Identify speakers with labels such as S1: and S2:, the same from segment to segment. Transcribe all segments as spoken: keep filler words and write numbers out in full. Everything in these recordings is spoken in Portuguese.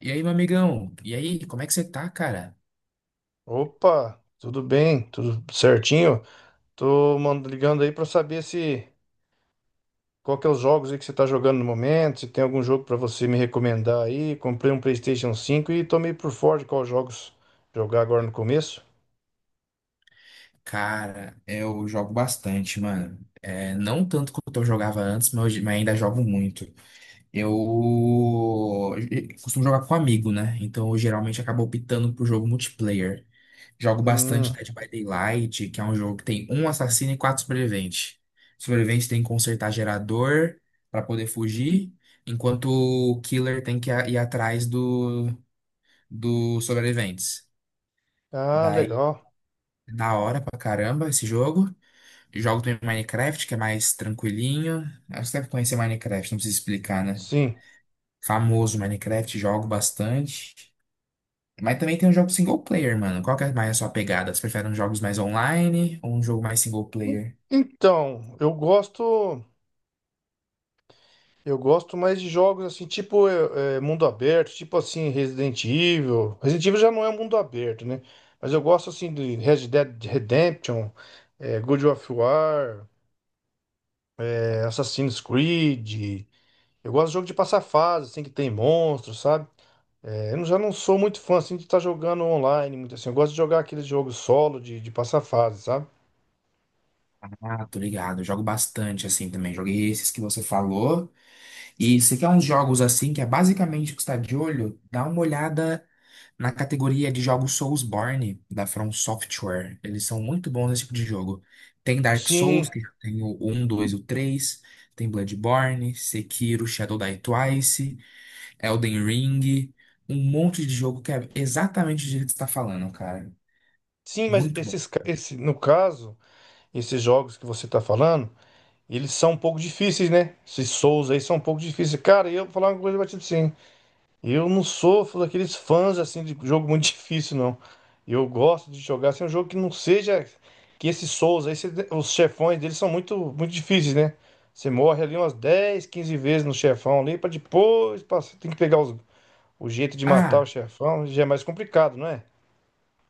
S1: E aí, meu amigão? E aí, como é que você tá, cara?
S2: Opa, tudo bem? Tudo certinho? Tô mand- ligando aí pra saber se qual que é os jogos aí que você tá jogando no momento, se tem algum jogo pra você me recomendar aí. Comprei um PlayStation cinco e tô meio por fora de quais jogos jogar agora no começo.
S1: Cara, eu jogo bastante, mano. É, não tanto quanto eu jogava antes, mas, hoje- mas ainda jogo muito. Eu eu costumo jogar com amigo, né? Então eu geralmente acabo optando pro jogo multiplayer. Jogo
S2: Hum,
S1: bastante Dead by Daylight, que é um jogo que tem um assassino e quatro sobreviventes. Sobrevivente tem que consertar gerador pra poder fugir, enquanto o killer tem que ir atrás do, dos sobreviventes.
S2: ah,
S1: Daí
S2: legal.
S1: da hora pra caramba esse jogo. Jogo também Minecraft, que é mais tranquilinho. Acho que você deve conhecer Minecraft, não precisa explicar, né?
S2: Sim.
S1: Famoso Minecraft, jogo bastante. Mas também tem um jogo single player, mano. Qual que é mais a sua pegada? Você prefere uns jogos mais online ou um jogo mais single
S2: En-
S1: player?
S2: Então, eu gosto. Eu gosto mais de jogos assim, tipo é, é, mundo aberto, tipo assim Resident Evil. Resident Evil já não é um mundo aberto, né? Mas eu gosto assim de Red Dead Redemption, é, God of War, é, Assassin's Creed. Eu gosto de jogo de passar fase, assim, que tem monstros, sabe? É, eu não- Já não sou muito fã assim de estar jogando online, muito assim. Eu gosto de jogar aqueles jogos solo de, de passar fase, sabe?
S1: Ah, tô ligado. Eu jogo bastante assim também. Joguei esses que você falou. E se quer uns jogos assim, que é basicamente o que está de olho, dá uma olhada na categoria de jogos Soulsborne da From Software. Eles são muito bons nesse tipo de jogo. Tem Dark Souls,
S2: Sim,
S1: que tem o um, dois, e o três, tem Bloodborne, Sekiro, Shadow Die Twice, Elden Ring, um monte de jogo que é exatamente o jeito que você está falando, cara.
S2: sim, mas
S1: Muito bom.
S2: esses, ca- esse, no caso, esses jogos que você tá falando. Eles são um pouco difíceis, né? Esses Souls aí são um pouco difíceis. Cara, eu vou falar uma coisa pra ti, sim. Eu não sofro daqueles fãs assim de jogo muito difícil, não. Eu gosto de jogar assim, um jogo que não seja que esses Souls aí, cê- os chefões deles são muito, muito difíceis, né? Você morre ali umas dez, quinze vezes no chefão ali, pra depois passar. Tem que pegar os- O jeito de matar o
S1: Ah,
S2: chefão já é mais complicado, não é?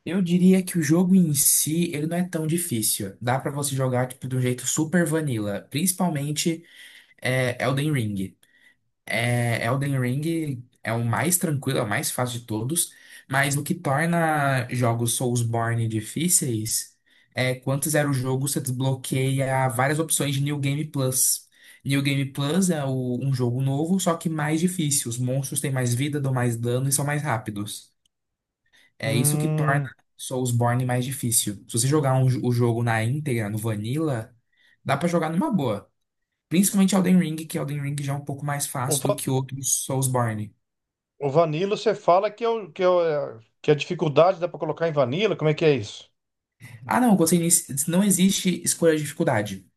S1: eu diria que o jogo em si, ele não é tão difícil. Dá pra você jogar tipo de um jeito super vanilla, principalmente é, Elden Ring. É, Elden Ring é o mais tranquilo, é o mais fácil de todos, mas o que torna jogos Soulsborne difíceis é quando você zera o jogo, você desbloqueia várias opções de New Game Plus. New Game Plus é o- um jogo novo, só que mais difícil. Os monstros têm mais vida, dão mais dano e são mais rápidos. É isso que torna
S2: Hum,
S1: Soulsborne mais difícil. Se você jogar um jo- o jogo na íntegra, no Vanilla, dá pra jogar numa boa. Principalmente Elden Ring, que Elden Ring já é um pouco mais
S2: o,
S1: fácil do
S2: va-
S1: que outros Soulsborne.
S2: o Vanilla, você fala que é, o, que, é o- que a dificuldade dá pra colocar em Vanilla? Como é que é isso?
S1: Ah, não, eu gostei nisso. Não existe escolha de dificuldade.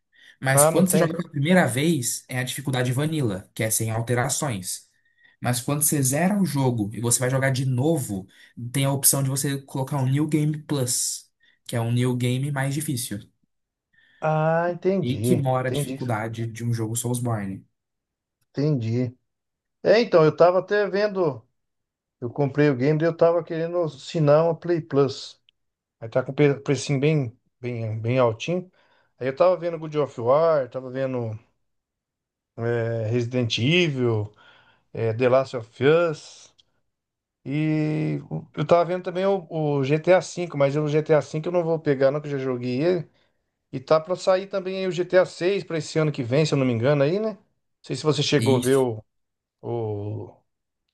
S1: Mas
S2: Ah, não
S1: quando você
S2: tem?
S1: joga pela primeira vez, é a dificuldade vanilla, que é sem alterações. Mas quando você zera o jogo e você vai jogar de novo, tem a opção de você colocar um New Game Plus, que é um New Game mais difícil.
S2: Ah,
S1: E que
S2: entendi.
S1: mora a
S2: Entendi.
S1: dificuldade de um jogo Soulsborne.
S2: Entendi. É, então, eu tava até vendo. Eu comprei o game e eu tava querendo assinar uma Play Plus. Aí tá com pre- precinho bem, bem, bem altinho. Aí eu tava vendo God of War, tava vendo é, Resident Evil, é, The Last of Us. E eu tava vendo também o, o G T A cinco V, mas o G T A cinco V eu não vou pegar, não, que eu já joguei ele. E tá pra sair também aí o G T A seis seis pra esse ano que vem, se eu não me engano, aí, né? Não sei se você chegou a
S1: E
S2: ver o O...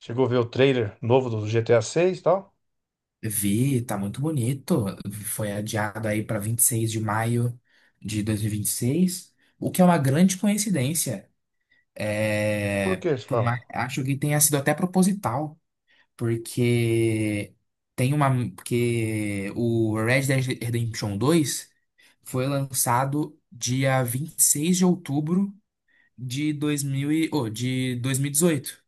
S2: Chegou a ver o trailer novo do G T A seis e tal?
S1: vi, tá muito bonito. Foi adiado aí para vinte e seis de maio de dois mil e e vinte e seis, o que é uma grande coincidência.
S2: Por
S1: É,
S2: que você
S1: por mais-
S2: fala?
S1: acho que tenha sido até proposital, porque tem uma, porque o Red Dead Redemption dois foi lançado dia vinte e seis de outubro de dois mil e, oh, de dois mil e dezoito.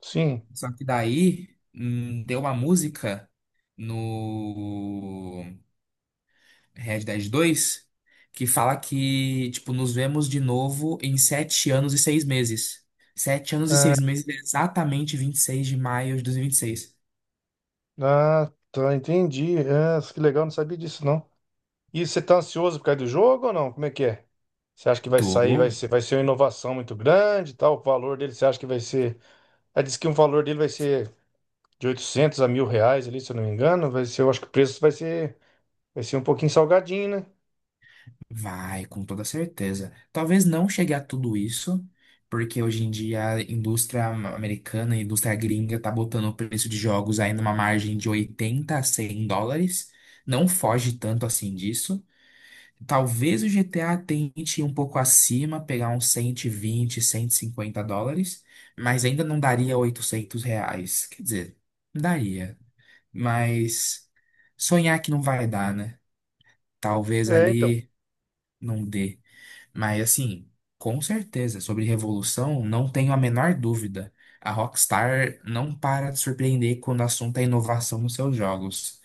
S2: Sim.
S1: Só que daí, hum, deu uma música no Red Dead dois, que fala que, tipo, nos vemos de novo em sete anos e seis meses. Sete anos e seis meses, é exatamente vinte e seis de maio de dois mil e e vinte e seis.
S2: Ah, tá, entendi. Ah, que legal, não sabia disso, não. E você tá ansioso por causa do jogo ou não? Como é que é? Você acha que vai sair,
S1: Tô,
S2: vai ser, vai ser uma inovação muito grande e tal? O valor dele, você acha que vai ser... Ah, diz que o valor dele vai ser de oitocentos a mil reais ali, se eu não me engano. Vai ser, eu acho que o preço vai ser, vai ser um pouquinho salgadinho, né?
S1: vai, com toda certeza. Talvez não chegue a tudo isso, porque hoje em dia a indústria americana, a indústria gringa, tá botando o preço de jogos aí numa margem de oitenta a cem dólares. Não foge tanto assim disso. Talvez o G T A tente ir um pouco acima, pegar uns cento e vinte, cento e cinquenta dólares, mas ainda não daria oitocentos reais. Quer dizer, daria, mas sonhar que não vai dar, né? Talvez
S2: É, então.
S1: ali não dê. Mas assim, com certeza, sobre revolução, não tenho a menor dúvida. A Rockstar não para de surpreender quando o assunto é inovação nos seus jogos.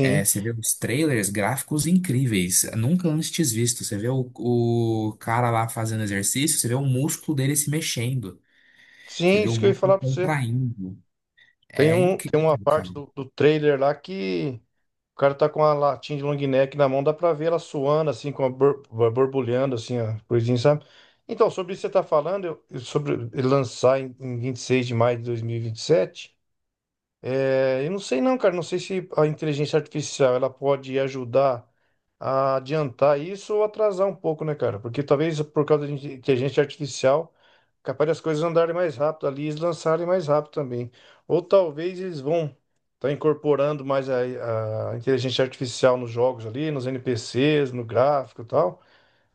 S1: É, você vê os trailers, gráficos incríveis, nunca antes visto. Você vê o, o cara lá fazendo exercício, você vê o músculo dele se mexendo, você
S2: Sim,
S1: vê o
S2: isso que eu ia
S1: músculo
S2: falar pra você.
S1: contraindo.
S2: Tem
S1: É
S2: um, tem uma
S1: incrível, cara.
S2: parte do, do trailer lá que o cara tá com a latinha de long neck na mão, dá pra ver ela suando, assim, com a bor- bor- borbulhando, assim, a coisinha, sabe? Então, sobre isso que você tá falando, eu- eu sobre ele lançar em, em vinte e seis de maio de dois mil e e vinte e sete, é, eu não sei não, cara. Não sei se a inteligência artificial ela pode ajudar a adiantar isso ou atrasar um pouco, né, cara? Porque talvez por causa da inte- inteligência artificial, capaz das coisas andarem mais rápido ali, eles lançarem mais rápido também. Ou talvez eles vão estar incorporando mais a, a inteligência artificial nos jogos ali, nos N P Cs, no gráfico e tal.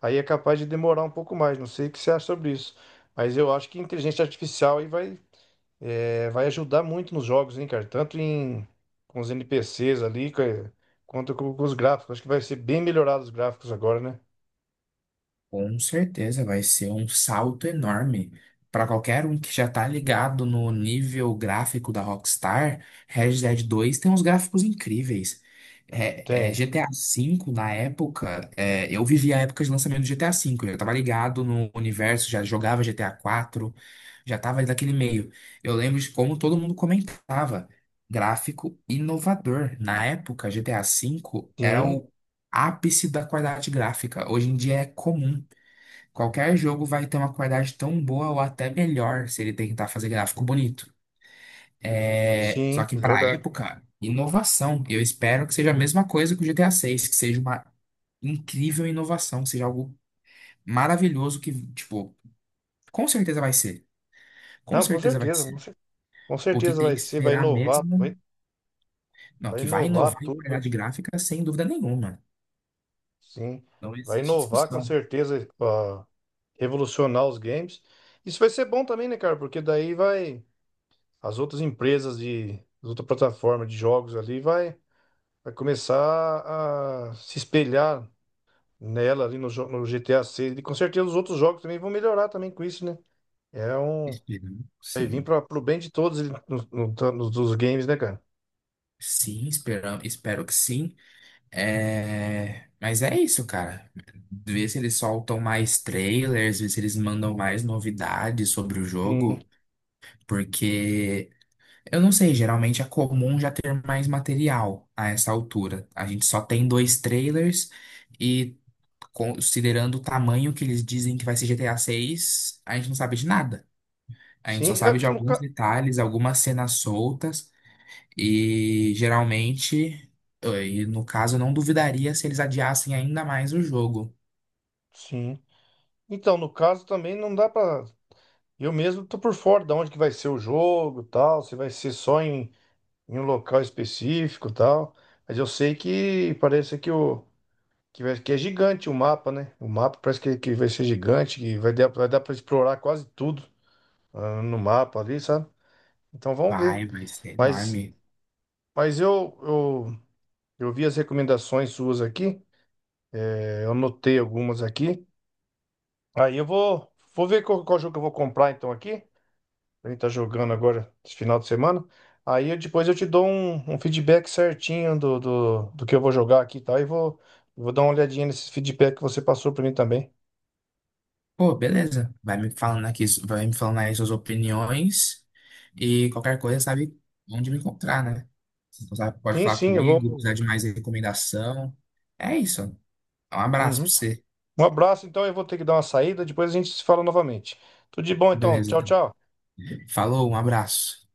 S2: Aí é capaz de demorar um pouco mais. Não sei o que você acha sobre isso. Mas eu acho que inteligência artificial aí vai é, vai ajudar muito nos jogos, hein, cara? Tanto em, com os N P Cs ali, ca- quanto com, com os gráficos. Acho que vai ser bem melhorado os gráficos agora, né?
S1: Com certeza vai ser um salto enorme. Para qualquer um que já tá ligado no nível gráfico da Rockstar, Red Dead dois tem uns gráficos incríveis. É, é,
S2: Tem.
S1: G T A V, na época, é, eu vivi a época de lançamento do G T A V, eu já tava ligado no universo, já jogava G T A quatro, já tava ali naquele meio. Eu lembro de como todo mundo comentava. Gráfico inovador. Na época, G T A V era
S2: Sim,
S1: o ápice da qualidade gráfica. Hoje em dia é comum. Qualquer jogo vai ter uma qualidade tão boa ou até melhor se ele tentar fazer gráfico bonito. É,
S2: sim,
S1: só que para
S2: verdade.
S1: época, inovação. Eu espero que seja a mesma coisa que o G T A seis, que seja uma incrível inovação, seja algo maravilhoso que, tipo, com certeza vai ser. Com
S2: Não, com
S1: certeza vai
S2: certeza. Com
S1: ser.
S2: cer- com
S1: O que
S2: certeza
S1: tem
S2: vai
S1: que
S2: ser, vai
S1: esperar
S2: inovar,
S1: mesmo,
S2: vai,
S1: não,
S2: vai
S1: que vai
S2: inovar
S1: inovar em
S2: tudo.
S1: qualidade gráfica sem dúvida nenhuma.
S2: Sim,
S1: Não
S2: vai
S1: existe
S2: inovar com
S1: discussão.
S2: certeza, ó, revolucionar os games. Isso vai ser bom também, né, cara? Porque daí vai, as outras empresas de, as outras plataformas de jogos ali vai, vai começar a se espelhar nela ali no, jo- no G T A seis. E com certeza os outros jogos também vão melhorar também com isso, né? É um.
S1: Esperamos,
S2: Vai vir
S1: sim.
S2: para pro bem de todos ele- no, no- no- dos games, né, cara?
S1: Sim, esperamos, espero que sim. É, mas é isso, cara. Ver se eles soltam mais trailers, ver se eles mandam mais novidades sobre o
S2: Sim.
S1: jogo, porque eu não sei, geralmente é comum já ter mais material a essa altura. A gente só tem dois trailers e considerando o tamanho que eles dizem que vai ser G T A seis, a seis, a gente não sabe de nada. A gente só
S2: Sim,
S1: sabe de
S2: é, no
S1: alguns
S2: ca...
S1: detalhes, algumas cenas soltas. E geralmente, eh, e no caso, eu não duvidaria se eles adiassem ainda mais o jogo.
S2: Sim. Então, no caso também não dá pra. Eu mesmo tô por fora de onde que vai ser o jogo, e tal, se vai ser só em, em um local específico, e tal. Mas eu sei que parece que o que, vai- que é gigante o mapa, né? O mapa parece que, que vai ser gigante, que vai dar, vai dar para explorar quase tudo ah, no mapa ali, sabe? Então vamos ver.
S1: Vai, vai ser
S2: Mas,
S1: enorme.
S2: mas eu, eu, eu vi as recomendações suas aqui, é, eu anotei algumas aqui. Aí eu vou, vou ver qual, qual jogo que eu vou comprar então aqui. A gente tá jogando agora esse final de semana. Aí eu- depois eu te dou um, um feedback certinho do, do, do que eu vou jogar aqui e tal. E vou, vou dar uma olhadinha nesse feedback que você passou para mim também.
S1: Pô, beleza. Vai me falando aqui, vai me falando aí suas opiniões e qualquer coisa sabe onde me encontrar, né? Então, sabe, pode
S2: Sim,
S1: falar
S2: sim, eu vou.
S1: comigo, precisar de mais recomendação. É isso. Um abraço pra
S2: Uhum.
S1: você.
S2: Um abraço, então eu vou ter que dar uma saída, depois a gente se fala novamente. Tudo de bom, então.
S1: Beleza.
S2: Tchau, tchau.
S1: Falou, um abraço.